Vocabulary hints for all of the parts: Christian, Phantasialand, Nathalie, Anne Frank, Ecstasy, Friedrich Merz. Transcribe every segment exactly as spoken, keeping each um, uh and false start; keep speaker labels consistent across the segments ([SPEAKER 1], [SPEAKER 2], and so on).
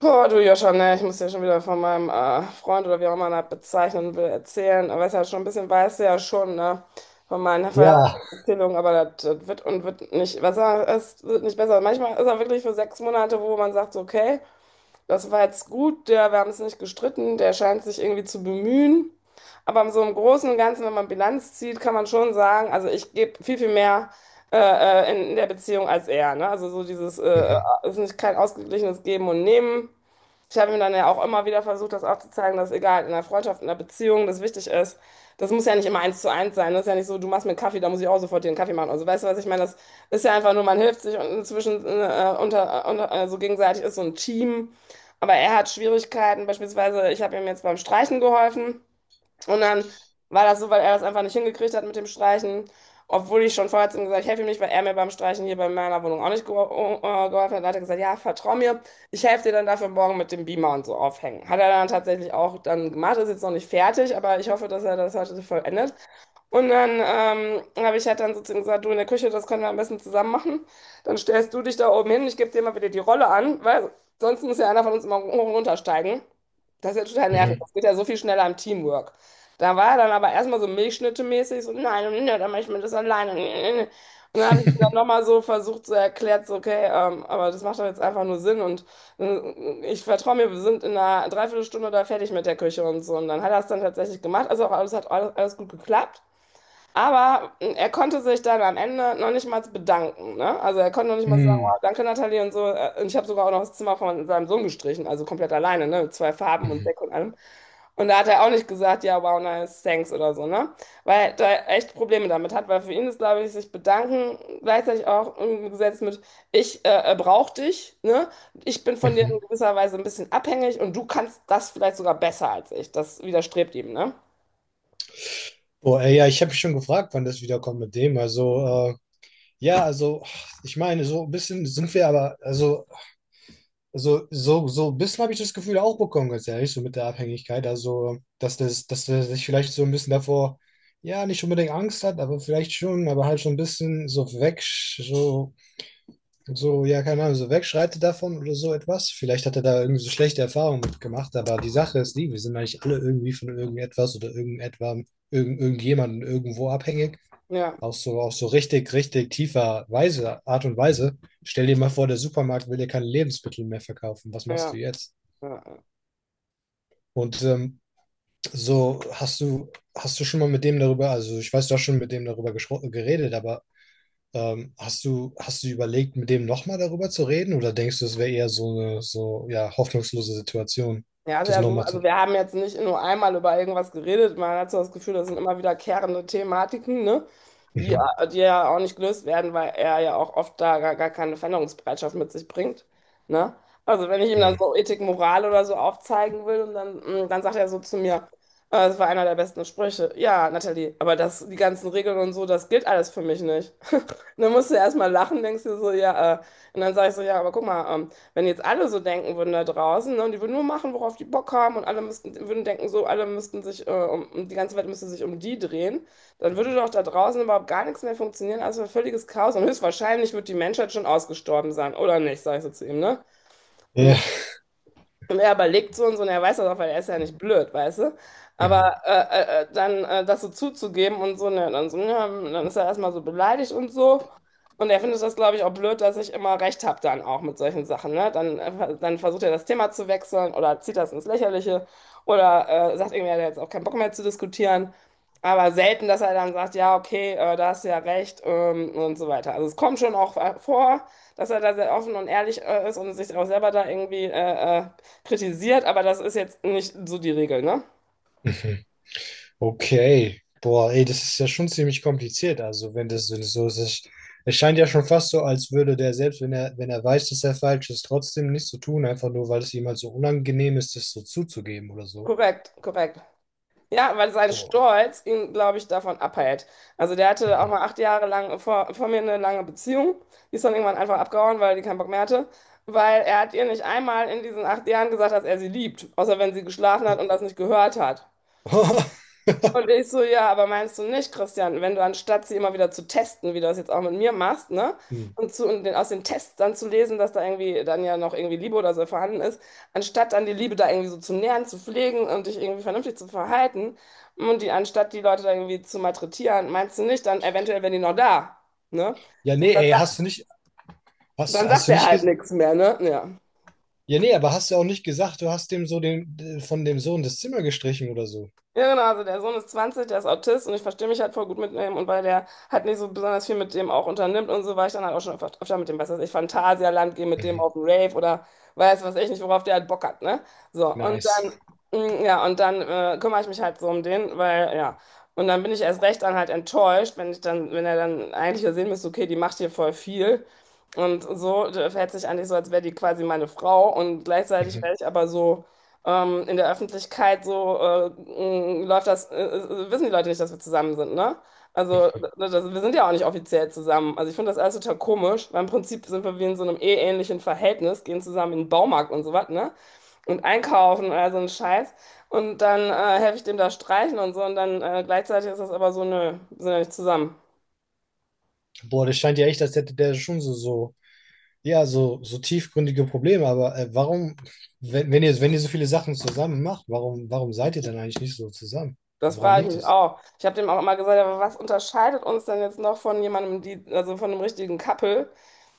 [SPEAKER 1] Boah, du Joscha, ne, ich muss ja schon wieder von meinem äh, Freund oder wie auch immer man das bezeichnen will, erzählen. Aber es ist ja schon ein bisschen, weißt du ja schon, ne, von meinen
[SPEAKER 2] Ja.
[SPEAKER 1] Vorherierzählungen, aber das, das wird und wird nicht besser, es wird nicht besser. Manchmal ist er wirklich für sechs Monate, wo man sagt, so, okay, das war jetzt gut, der, wir haben es nicht gestritten, der scheint sich irgendwie zu bemühen. Aber so im Großen und Ganzen, wenn man Bilanz zieht, kann man schon sagen, also ich gebe viel, viel mehr äh, äh, in, in der Beziehung als er, ne? Also so dieses, äh, äh,
[SPEAKER 2] Mhm,
[SPEAKER 1] ist nicht kein ausgeglichenes Geben und Nehmen. Ich habe ihm dann ja auch immer wieder versucht, das aufzuzeigen, dass egal, in der Freundschaft, in der Beziehung, das wichtig ist. Das muss ja nicht immer eins zu eins sein. Das ist ja nicht so, du machst mir einen Kaffee, da muss ich auch sofort dir einen Kaffee machen. Also weißt du, was ich meine? Das ist ja einfach nur, man hilft sich und inzwischen äh, unter, unter, äh, so gegenseitig ist so ein Team. Aber er hat Schwierigkeiten. Beispielsweise, ich habe ihm jetzt beim Streichen geholfen. Und dann war das so, weil er das einfach nicht hingekriegt hat mit dem Streichen, obwohl ich schon vorher zu ihm gesagt habe, ich helfe ihm nicht, weil er mir beim Streichen hier bei meiner Wohnung auch nicht gehol- äh, geholfen hat. Dann hat er gesagt, ja, vertrau mir, ich helfe dir dann dafür morgen mit dem Beamer und so aufhängen. Hat er dann tatsächlich auch dann gemacht, ist jetzt noch nicht fertig, aber ich hoffe, dass er das heute so vollendet. Und dann ähm, habe ich halt dann sozusagen gesagt, du in der Küche, das können wir am besten zusammen machen. Dann stellst du dich da oben hin, ich gebe dir mal wieder die Rolle an, weil sonst muss ja einer von uns immer hoch und runter steigen. Das ist ja total nervig.
[SPEAKER 2] mhm.
[SPEAKER 1] Das geht ja so viel schneller im Teamwork. Da war er dann aber erstmal so Milchschnitte-mäßig, so, nein, nein, nein, dann mache ich mir das alleine. Nee, nee, nee. Und dann habe ich ihm dann nochmal so versucht zu erklären, so, okay, ähm, aber das macht doch jetzt einfach nur Sinn und äh, ich vertraue mir, wir sind in einer Dreiviertelstunde da fertig mit der Küche und so. Und dann hat er es dann tatsächlich gemacht, also auch alles hat alles, alles gut geklappt. Aber äh, er konnte sich dann am Ende noch nicht mal bedanken, ne? Also er konnte noch nicht mal sagen,
[SPEAKER 2] Mhm,
[SPEAKER 1] wow, danke Nathalie und so. Äh, Und ich habe sogar auch noch das Zimmer von seinem Sohn gestrichen, also komplett alleine, ne? Mit zwei Farben und
[SPEAKER 2] mhm,
[SPEAKER 1] Deck und allem. Und da hat er auch nicht gesagt, ja, wow, nice, thanks oder so, ne? Weil er echt Probleme damit hat, weil für ihn ist, glaube ich, sich bedanken gleichzeitig auch umgesetzt mit, ich äh, äh, brauch dich, ne? Ich bin von dir in
[SPEAKER 2] mhm.
[SPEAKER 1] gewisser Weise ein bisschen abhängig und du kannst das vielleicht sogar besser als ich. Das widerstrebt ihm, ne?
[SPEAKER 2] Boah, ey, ja, ich habe mich schon gefragt, wann das wiederkommt mit dem. Also, äh, ja, also, ich meine, so ein bisschen sind wir aber, also so, so, so ein bisschen habe ich das Gefühl auch bekommen, ganz ehrlich, so mit der Abhängigkeit. Also, dass das, dass er sich vielleicht so ein bisschen davor, ja, nicht unbedingt Angst hat, aber vielleicht schon, aber halt schon ein bisschen so weg, so, so, ja, keine Ahnung, so wegschreitet davon oder so etwas. Vielleicht hat er da irgendwie so schlechte Erfahrungen mitgemacht, aber die Sache ist die, wir sind eigentlich alle irgendwie von irgendetwas oder irgendetwas, irgend, irgendjemandem irgendwo abhängig.
[SPEAKER 1] Ja,
[SPEAKER 2] Auch so, auch so richtig, richtig tiefer Weise, Art und Weise. Stell dir mal vor, der Supermarkt will dir keine Lebensmittel mehr verkaufen. Was
[SPEAKER 1] ja,
[SPEAKER 2] machst du
[SPEAKER 1] ja.
[SPEAKER 2] jetzt?
[SPEAKER 1] Ja.
[SPEAKER 2] Und ähm, so hast du, hast du schon mal mit dem darüber, also ich weiß, du hast schon mit dem darüber geschro- geredet, aber ähm, hast du, hast du überlegt, mit dem nochmal darüber zu reden? Oder denkst du, es wäre eher so eine, so, ja, hoffnungslose Situation,
[SPEAKER 1] Ja, also,
[SPEAKER 2] das
[SPEAKER 1] also
[SPEAKER 2] nochmal zu.
[SPEAKER 1] also wir haben jetzt nicht nur einmal über irgendwas geredet. Man hat so das Gefühl, das sind immer wiederkehrende Thematiken, ne? Die,
[SPEAKER 2] Mhm.
[SPEAKER 1] äh, die ja auch nicht gelöst werden, weil er ja auch oft da gar, gar keine Veränderungsbereitschaft mit sich bringt, ne? Also wenn ich ihm dann
[SPEAKER 2] Mhm.
[SPEAKER 1] so Ethik, Moral oder so aufzeigen will und dann, mm, dann sagt er so zu mir, äh, das war einer der besten Sprüche. Ja, Nathalie, aber das, die ganzen Regeln und so, das gilt alles für mich nicht. Dann musst du erstmal lachen, denkst dir so, ja, äh, und dann sage ich so, ja, aber guck mal, ähm, wenn jetzt alle so denken würden da draußen, ne, und die würden nur machen, worauf die Bock haben, und alle müssten, würden denken, so, alle müssten sich, äh, um, um- die ganze Welt müsste sich um die drehen, dann würde doch da draußen überhaupt gar nichts mehr funktionieren, also ein völliges Chaos. Und höchstwahrscheinlich wird die Menschheit schon ausgestorben sein, oder nicht, sag ich so zu ihm, ne?
[SPEAKER 2] Ja.
[SPEAKER 1] Und und er überlegt so und so, und er weiß das auch, weil er ist ja nicht blöd, weißt du? Aber
[SPEAKER 2] Mhm.
[SPEAKER 1] äh, äh, äh, dann äh, das so zuzugeben und so, ne, dann so, ja, dann ist er erstmal so beleidigt und so. Und er findet das, glaube ich, auch blöd, dass ich immer recht habe dann auch mit solchen Sachen, ne? Dann, äh, dann versucht er das Thema zu wechseln oder zieht das ins Lächerliche oder äh, sagt irgendwie, er hat jetzt auch keinen Bock mehr zu diskutieren. Aber selten, dass er dann sagt, ja, okay, äh, da hast du ja recht, ähm, und so weiter. Also es kommt schon auch äh, vor, dass er da sehr offen und ehrlich äh, ist und sich auch selber da irgendwie äh, äh, kritisiert, aber das ist jetzt nicht so die Regel, ne?
[SPEAKER 2] Mhm. Okay, boah, ey, das ist ja schon ziemlich kompliziert. Also, wenn das so so ist, es es scheint ja schon fast so, als würde der selbst, wenn er, wenn er weiß, dass er falsch ist, trotzdem nichts zu tun, einfach nur, weil es ihm halt so unangenehm ist, das so zuzugeben oder so.
[SPEAKER 1] Korrekt, korrekt. Ja, weil sein
[SPEAKER 2] Boah.
[SPEAKER 1] Stolz ihn, glaube ich, davon abhält. Also der hatte auch
[SPEAKER 2] Mhm.
[SPEAKER 1] mal acht Jahre lang vor, vor mir eine lange Beziehung. Die ist dann irgendwann einfach abgehauen, weil die keinen Bock mehr hatte. Weil er hat ihr nicht einmal in diesen acht Jahren gesagt, dass er sie liebt. Außer wenn sie geschlafen hat und das nicht gehört hat.
[SPEAKER 2] Boah.
[SPEAKER 1] Und ich so, ja, aber meinst du nicht, Christian, wenn du anstatt sie immer wieder zu testen, wie du das jetzt auch mit mir machst, ne?
[SPEAKER 2] Hm.
[SPEAKER 1] Und, zu, und den, aus den Tests dann zu lesen, dass da irgendwie dann ja noch irgendwie Liebe oder so vorhanden ist, anstatt dann die Liebe da irgendwie so zu nähren, zu pflegen und dich irgendwie vernünftig zu verhalten und die anstatt die Leute da irgendwie zu malträtieren, meinst du nicht, dann eventuell wären die noch da, ne?
[SPEAKER 2] Ja,
[SPEAKER 1] So,
[SPEAKER 2] nee,
[SPEAKER 1] dann,
[SPEAKER 2] ey,
[SPEAKER 1] sagt-
[SPEAKER 2] hast du nicht, hast,
[SPEAKER 1] dann sagt
[SPEAKER 2] hast du
[SPEAKER 1] er
[SPEAKER 2] nicht,
[SPEAKER 1] halt
[SPEAKER 2] ges-
[SPEAKER 1] nichts mehr, ne? Ja.
[SPEAKER 2] ja, nee, aber hast du auch nicht gesagt, du hast dem so den, von dem Sohn das Zimmer gestrichen oder so.
[SPEAKER 1] Ja, genau, also der Sohn ist zwanzig, der ist Autist und ich verstehe mich halt voll gut mit ihm und weil der halt nicht so besonders viel mit dem auch unternimmt und so, war ich dann halt auch schon öfter, öfter mit dem, was weiß ich, Phantasialand, gehe mit dem
[SPEAKER 2] Mhm.
[SPEAKER 1] auf den Rave oder weiß was ich nicht, worauf der halt Bock hat, ne? So, und
[SPEAKER 2] Nice.
[SPEAKER 1] dann, mm, ja, und dann äh, kümmere ich mich halt so um den, weil, ja, und dann bin ich erst recht dann halt enttäuscht, wenn ich dann, wenn er dann eigentlich ja sehen müsste, okay, die macht hier voll viel und so, der verhält sich eigentlich so, als wäre die quasi meine Frau und gleichzeitig
[SPEAKER 2] Mhm.
[SPEAKER 1] wäre ich aber so, ähm, in der Öffentlichkeit so äh, mh, läuft das, äh, äh, wissen die Leute nicht, dass wir zusammen sind, ne? Also ne, das, wir sind ja auch nicht offiziell zusammen. Also ich finde das alles total komisch, weil im Prinzip sind wir wie in so einem eheähnlichen Verhältnis, gehen zusammen in den Baumarkt und so was, ne? Und einkaufen und all so ein Scheiß. Und dann äh, helfe ich dem da streichen und so. Und dann äh, gleichzeitig ist das aber so, nö, wir sind ja nicht zusammen.
[SPEAKER 2] Boah, das scheint ja echt, als hätte der schon so, so. Ja, so, so tiefgründige Probleme, aber äh, warum, wenn, wenn ihr, wenn ihr so viele Sachen zusammen macht, warum, warum seid ihr dann eigentlich nicht so zusammen?
[SPEAKER 1] Das
[SPEAKER 2] Woran
[SPEAKER 1] frage ich
[SPEAKER 2] liegt
[SPEAKER 1] mich
[SPEAKER 2] es?
[SPEAKER 1] auch. Ich habe dem auch immer gesagt, aber was unterscheidet uns denn jetzt noch von jemandem, die, also von einem richtigen Couple?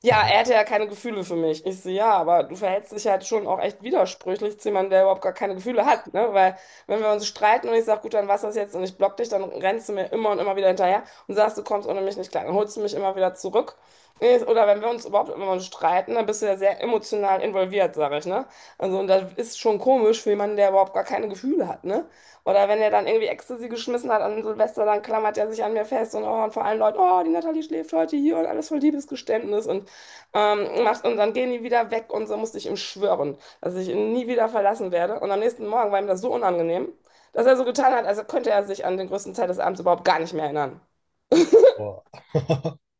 [SPEAKER 1] Ja,
[SPEAKER 2] Mhm.
[SPEAKER 1] er hätte ja keine Gefühle für mich. Ich so, ja, aber du verhältst dich halt schon auch echt widersprüchlich zu jemandem, der überhaupt gar keine Gefühle hat, ne? Weil wenn wir uns streiten und ich sage, gut, dann was das jetzt und ich block dich, dann rennst du mir immer und immer wieder hinterher und sagst, du kommst ohne mich nicht klar. Dann holst du mich immer wieder zurück. Ich- Oder wenn wir uns überhaupt immer mal streiten, dann bist du ja sehr emotional involviert, sage ich, ne? Also, und das ist schon komisch für jemanden, der überhaupt gar keine Gefühle hat, ne? Oder wenn er dann irgendwie Ecstasy geschmissen hat an Silvester, dann klammert er sich an mir fest und, oh, und vor allen Leuten, oh, die Natalie schläft heute hier und alles voll Liebesgeständnis und ähm, macht und dann gehen die wieder weg und so musste ich ihm schwören, dass ich ihn nie wieder verlassen werde. Und am nächsten Morgen war ihm das so unangenehm, dass er so getan hat, als könnte er sich an den größten Teil des Abends überhaupt gar nicht mehr erinnern.
[SPEAKER 2] Boah.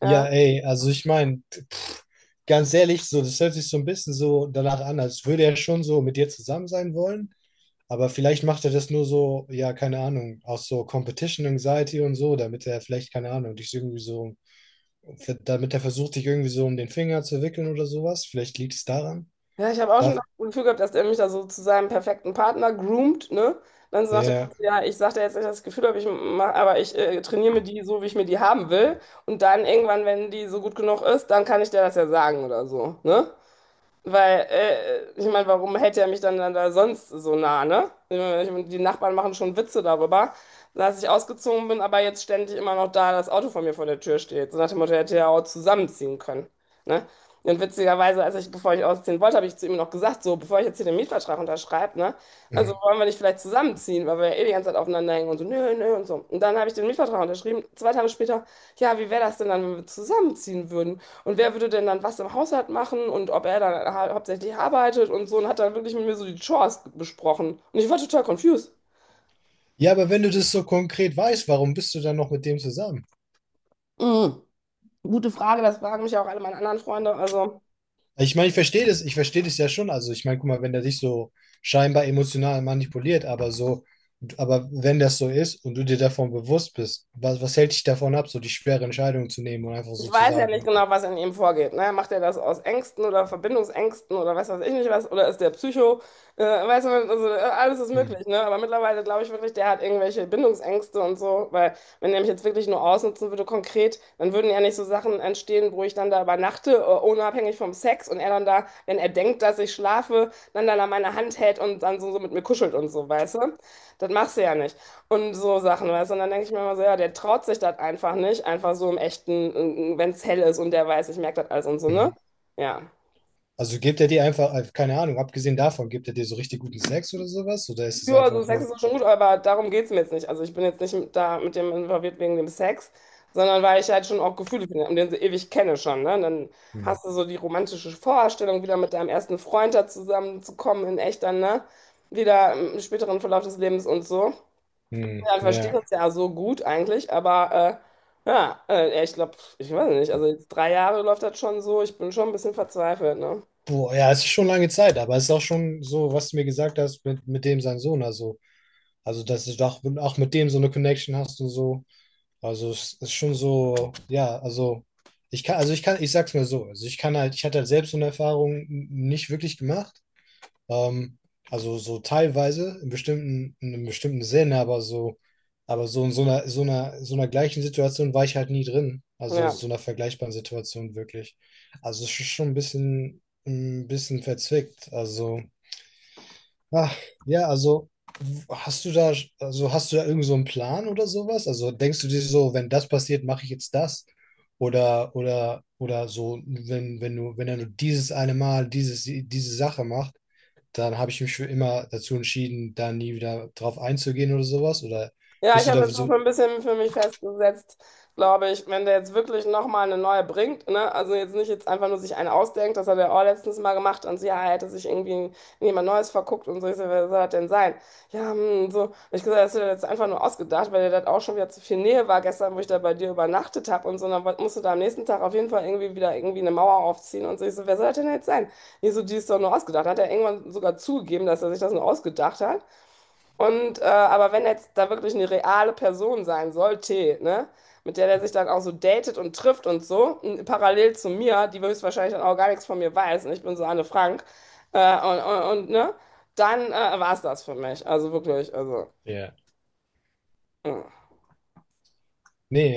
[SPEAKER 2] Ja,
[SPEAKER 1] Ja.
[SPEAKER 2] ey, also ich meine, ganz ehrlich, so, das hört sich so ein bisschen so danach an, als würde er schon so mit dir zusammen sein wollen, aber vielleicht macht er das nur so, ja, keine Ahnung, aus so Competition Anxiety und so, damit er vielleicht, keine Ahnung, dich irgendwie so, damit er versucht, dich irgendwie so um den Finger zu wickeln oder sowas. Vielleicht liegt es daran.
[SPEAKER 1] Ja, ich habe auch schon
[SPEAKER 2] Darf,
[SPEAKER 1] das Gefühl gehabt, dass der mich da so zu seinem perfekten Partner groomt, ne? Dann sagt er,
[SPEAKER 2] ja.
[SPEAKER 1] ja, ich sag dir jetzt nicht das Gefühl, habe ich mach, aber ich äh, trainiere mir die so, wie ich mir die haben will. Und dann irgendwann, wenn die so gut genug ist, dann kann ich dir das ja sagen oder so, ne? Weil, äh, ich meine, warum hält er mich dann, dann da sonst so nah, ne? Ich mein, die Nachbarn machen schon Witze darüber, dass ich ausgezogen bin, aber jetzt ständig immer noch da das Auto von mir vor der Tür steht. So nach dem Motto, er hätte er auch zusammenziehen können, ne? Und witzigerweise, als ich, bevor ich ausziehen wollte, habe ich zu ihm noch gesagt, so, bevor ich jetzt hier den Mietvertrag unterschreibe, ne? Also wollen wir nicht vielleicht zusammenziehen, weil wir ja eh die ganze Zeit aufeinander hängen und so, nö, nö und so. Und dann habe ich den Mietvertrag unterschrieben. Zwei Tage später, ja, wie wäre das denn dann, wenn wir zusammenziehen würden? Und wer würde denn dann was im Haushalt machen und ob er dann ha hauptsächlich arbeitet und so und hat dann wirklich mit mir so die Chores besprochen. Und ich war total confused.
[SPEAKER 2] Ja, aber wenn du das so konkret weißt, warum bist du dann noch mit dem zusammen?
[SPEAKER 1] Mm, gute Frage, das fragen mich ja auch alle meine anderen Freunde. Also.
[SPEAKER 2] Also ich meine, ich verstehe das, ich verstehe das ja schon. Also ich meine, guck mal, wenn der dich so scheinbar emotional manipuliert, aber so, aber wenn das so ist und du dir davon bewusst bist, was, was hält dich davon ab, so die schwere Entscheidung zu nehmen und einfach
[SPEAKER 1] Ich
[SPEAKER 2] so zu
[SPEAKER 1] weiß ja
[SPEAKER 2] sagen,
[SPEAKER 1] nicht genau, was in ihm vorgeht. Ne? Macht er das aus Ängsten oder Verbindungsängsten oder weiß was ich nicht was? Oder ist der Psycho? Äh, weißt du, also äh, alles ist
[SPEAKER 2] hm,
[SPEAKER 1] möglich. Ne? Aber mittlerweile glaube ich wirklich, der hat irgendwelche Bindungsängste und so. Weil wenn er mich jetzt wirklich nur ausnutzen würde konkret, dann würden ja nicht so Sachen entstehen, wo ich dann da übernachte, äh, unabhängig vom Sex. Und er dann da, wenn er denkt, dass ich schlafe, dann dann an meiner Hand hält und dann so, so mit mir kuschelt und so, weißt du? Das machst du ja nicht. Und so Sachen, weißt du? Und dann denke ich mir immer so, ja, der traut sich das einfach nicht, einfach so im echten, wenn es hell ist und der weiß, ich merke das alles und so, ne?
[SPEAKER 2] mhm.
[SPEAKER 1] Ja.
[SPEAKER 2] Also gibt er dir einfach, äh, keine Ahnung, abgesehen davon, gibt er dir so richtig guten Sex oder sowas? Oder ist es
[SPEAKER 1] Ja, also
[SPEAKER 2] einfach
[SPEAKER 1] Sex
[SPEAKER 2] nur,
[SPEAKER 1] ist auch schon gut, aber darum geht es mir jetzt nicht. Also ich bin jetzt nicht mit, da mit dem involviert wegen dem Sex, sondern weil ich halt schon auch Gefühle finde und den so ewig kenne schon, ne? Und dann
[SPEAKER 2] hm,
[SPEAKER 1] hast du so die romantische Vorstellung, wieder mit deinem ersten Freund da zusammenzukommen in echt dann, ne? Wieder im späteren Verlauf des Lebens und so.
[SPEAKER 2] hm,
[SPEAKER 1] Ja, wir verstehen
[SPEAKER 2] ja.
[SPEAKER 1] uns ja so gut eigentlich, aber äh, ja, äh, ja, ich glaube, ich weiß nicht, also jetzt drei Jahre läuft das schon so, ich bin schon ein bisschen verzweifelt, ne?
[SPEAKER 2] Boah, ja, es ist schon lange Zeit, aber es ist auch schon so, was du mir gesagt hast mit, mit dem sein Sohn, also. Also, dass du doch auch mit dem so eine Connection hast und so. Also, es ist schon so, ja, also ich kann, also ich kann, ich sag's mal so, also ich kann halt, ich hatte halt selbst so eine Erfahrung n- nicht wirklich gemacht. Ähm, also so teilweise, in bestimmten, in einem bestimmten Sinn, aber so, aber so in so einer, so einer, so einer gleichen Situation war ich halt nie drin. Also
[SPEAKER 1] Ja.
[SPEAKER 2] so einer vergleichbaren Situation wirklich. Also es ist schon ein bisschen, ein bisschen verzwickt. Also. Ach, ja, also hast du da, also hast du da irgend so einen Plan oder sowas? Also denkst du dir so, wenn das passiert, mache ich jetzt das? Oder, oder, oder so, wenn, wenn du, wenn er nur dieses eine Mal dieses, diese Sache macht, dann habe ich mich für immer dazu entschieden, da nie wieder drauf einzugehen oder sowas? Oder
[SPEAKER 1] Ja, ich
[SPEAKER 2] bist du
[SPEAKER 1] habe
[SPEAKER 2] da
[SPEAKER 1] jetzt auch
[SPEAKER 2] so,
[SPEAKER 1] ein bisschen für mich festgesetzt, glaube ich, wenn der jetzt wirklich nochmal eine neue bringt, ne, also jetzt nicht jetzt einfach nur sich eine ausdenkt, das hat er auch letztens mal gemacht und so, ja, er hätte sich irgendwie in jemand Neues verguckt und so, ich so, wer soll das denn sein? Ja, hm, so, und ich gesagt, das ist ja jetzt einfach nur ausgedacht, weil dir das auch schon wieder zu viel Nähe war gestern, wo ich da bei dir übernachtet habe und so, und dann woll- musst du da am nächsten Tag auf jeden Fall irgendwie wieder irgendwie eine Mauer aufziehen und so, ich so, wer soll das denn jetzt sein? Ich so, die ist doch nur ausgedacht, hat er irgendwann sogar zugegeben, dass er sich das nur ausgedacht hat. Und äh, aber wenn jetzt da wirklich eine reale Person sein sollte, ne, mit der der sich dann auch so datet und trifft und so, n- parallel zu mir, die höchstwahrscheinlich dann auch gar nichts von mir weiß, und ich bin so Anne Frank, äh, und, und, und ne, dann äh, war es das für mich. Also wirklich, also.
[SPEAKER 2] ja,
[SPEAKER 1] Mm.
[SPEAKER 2] nee,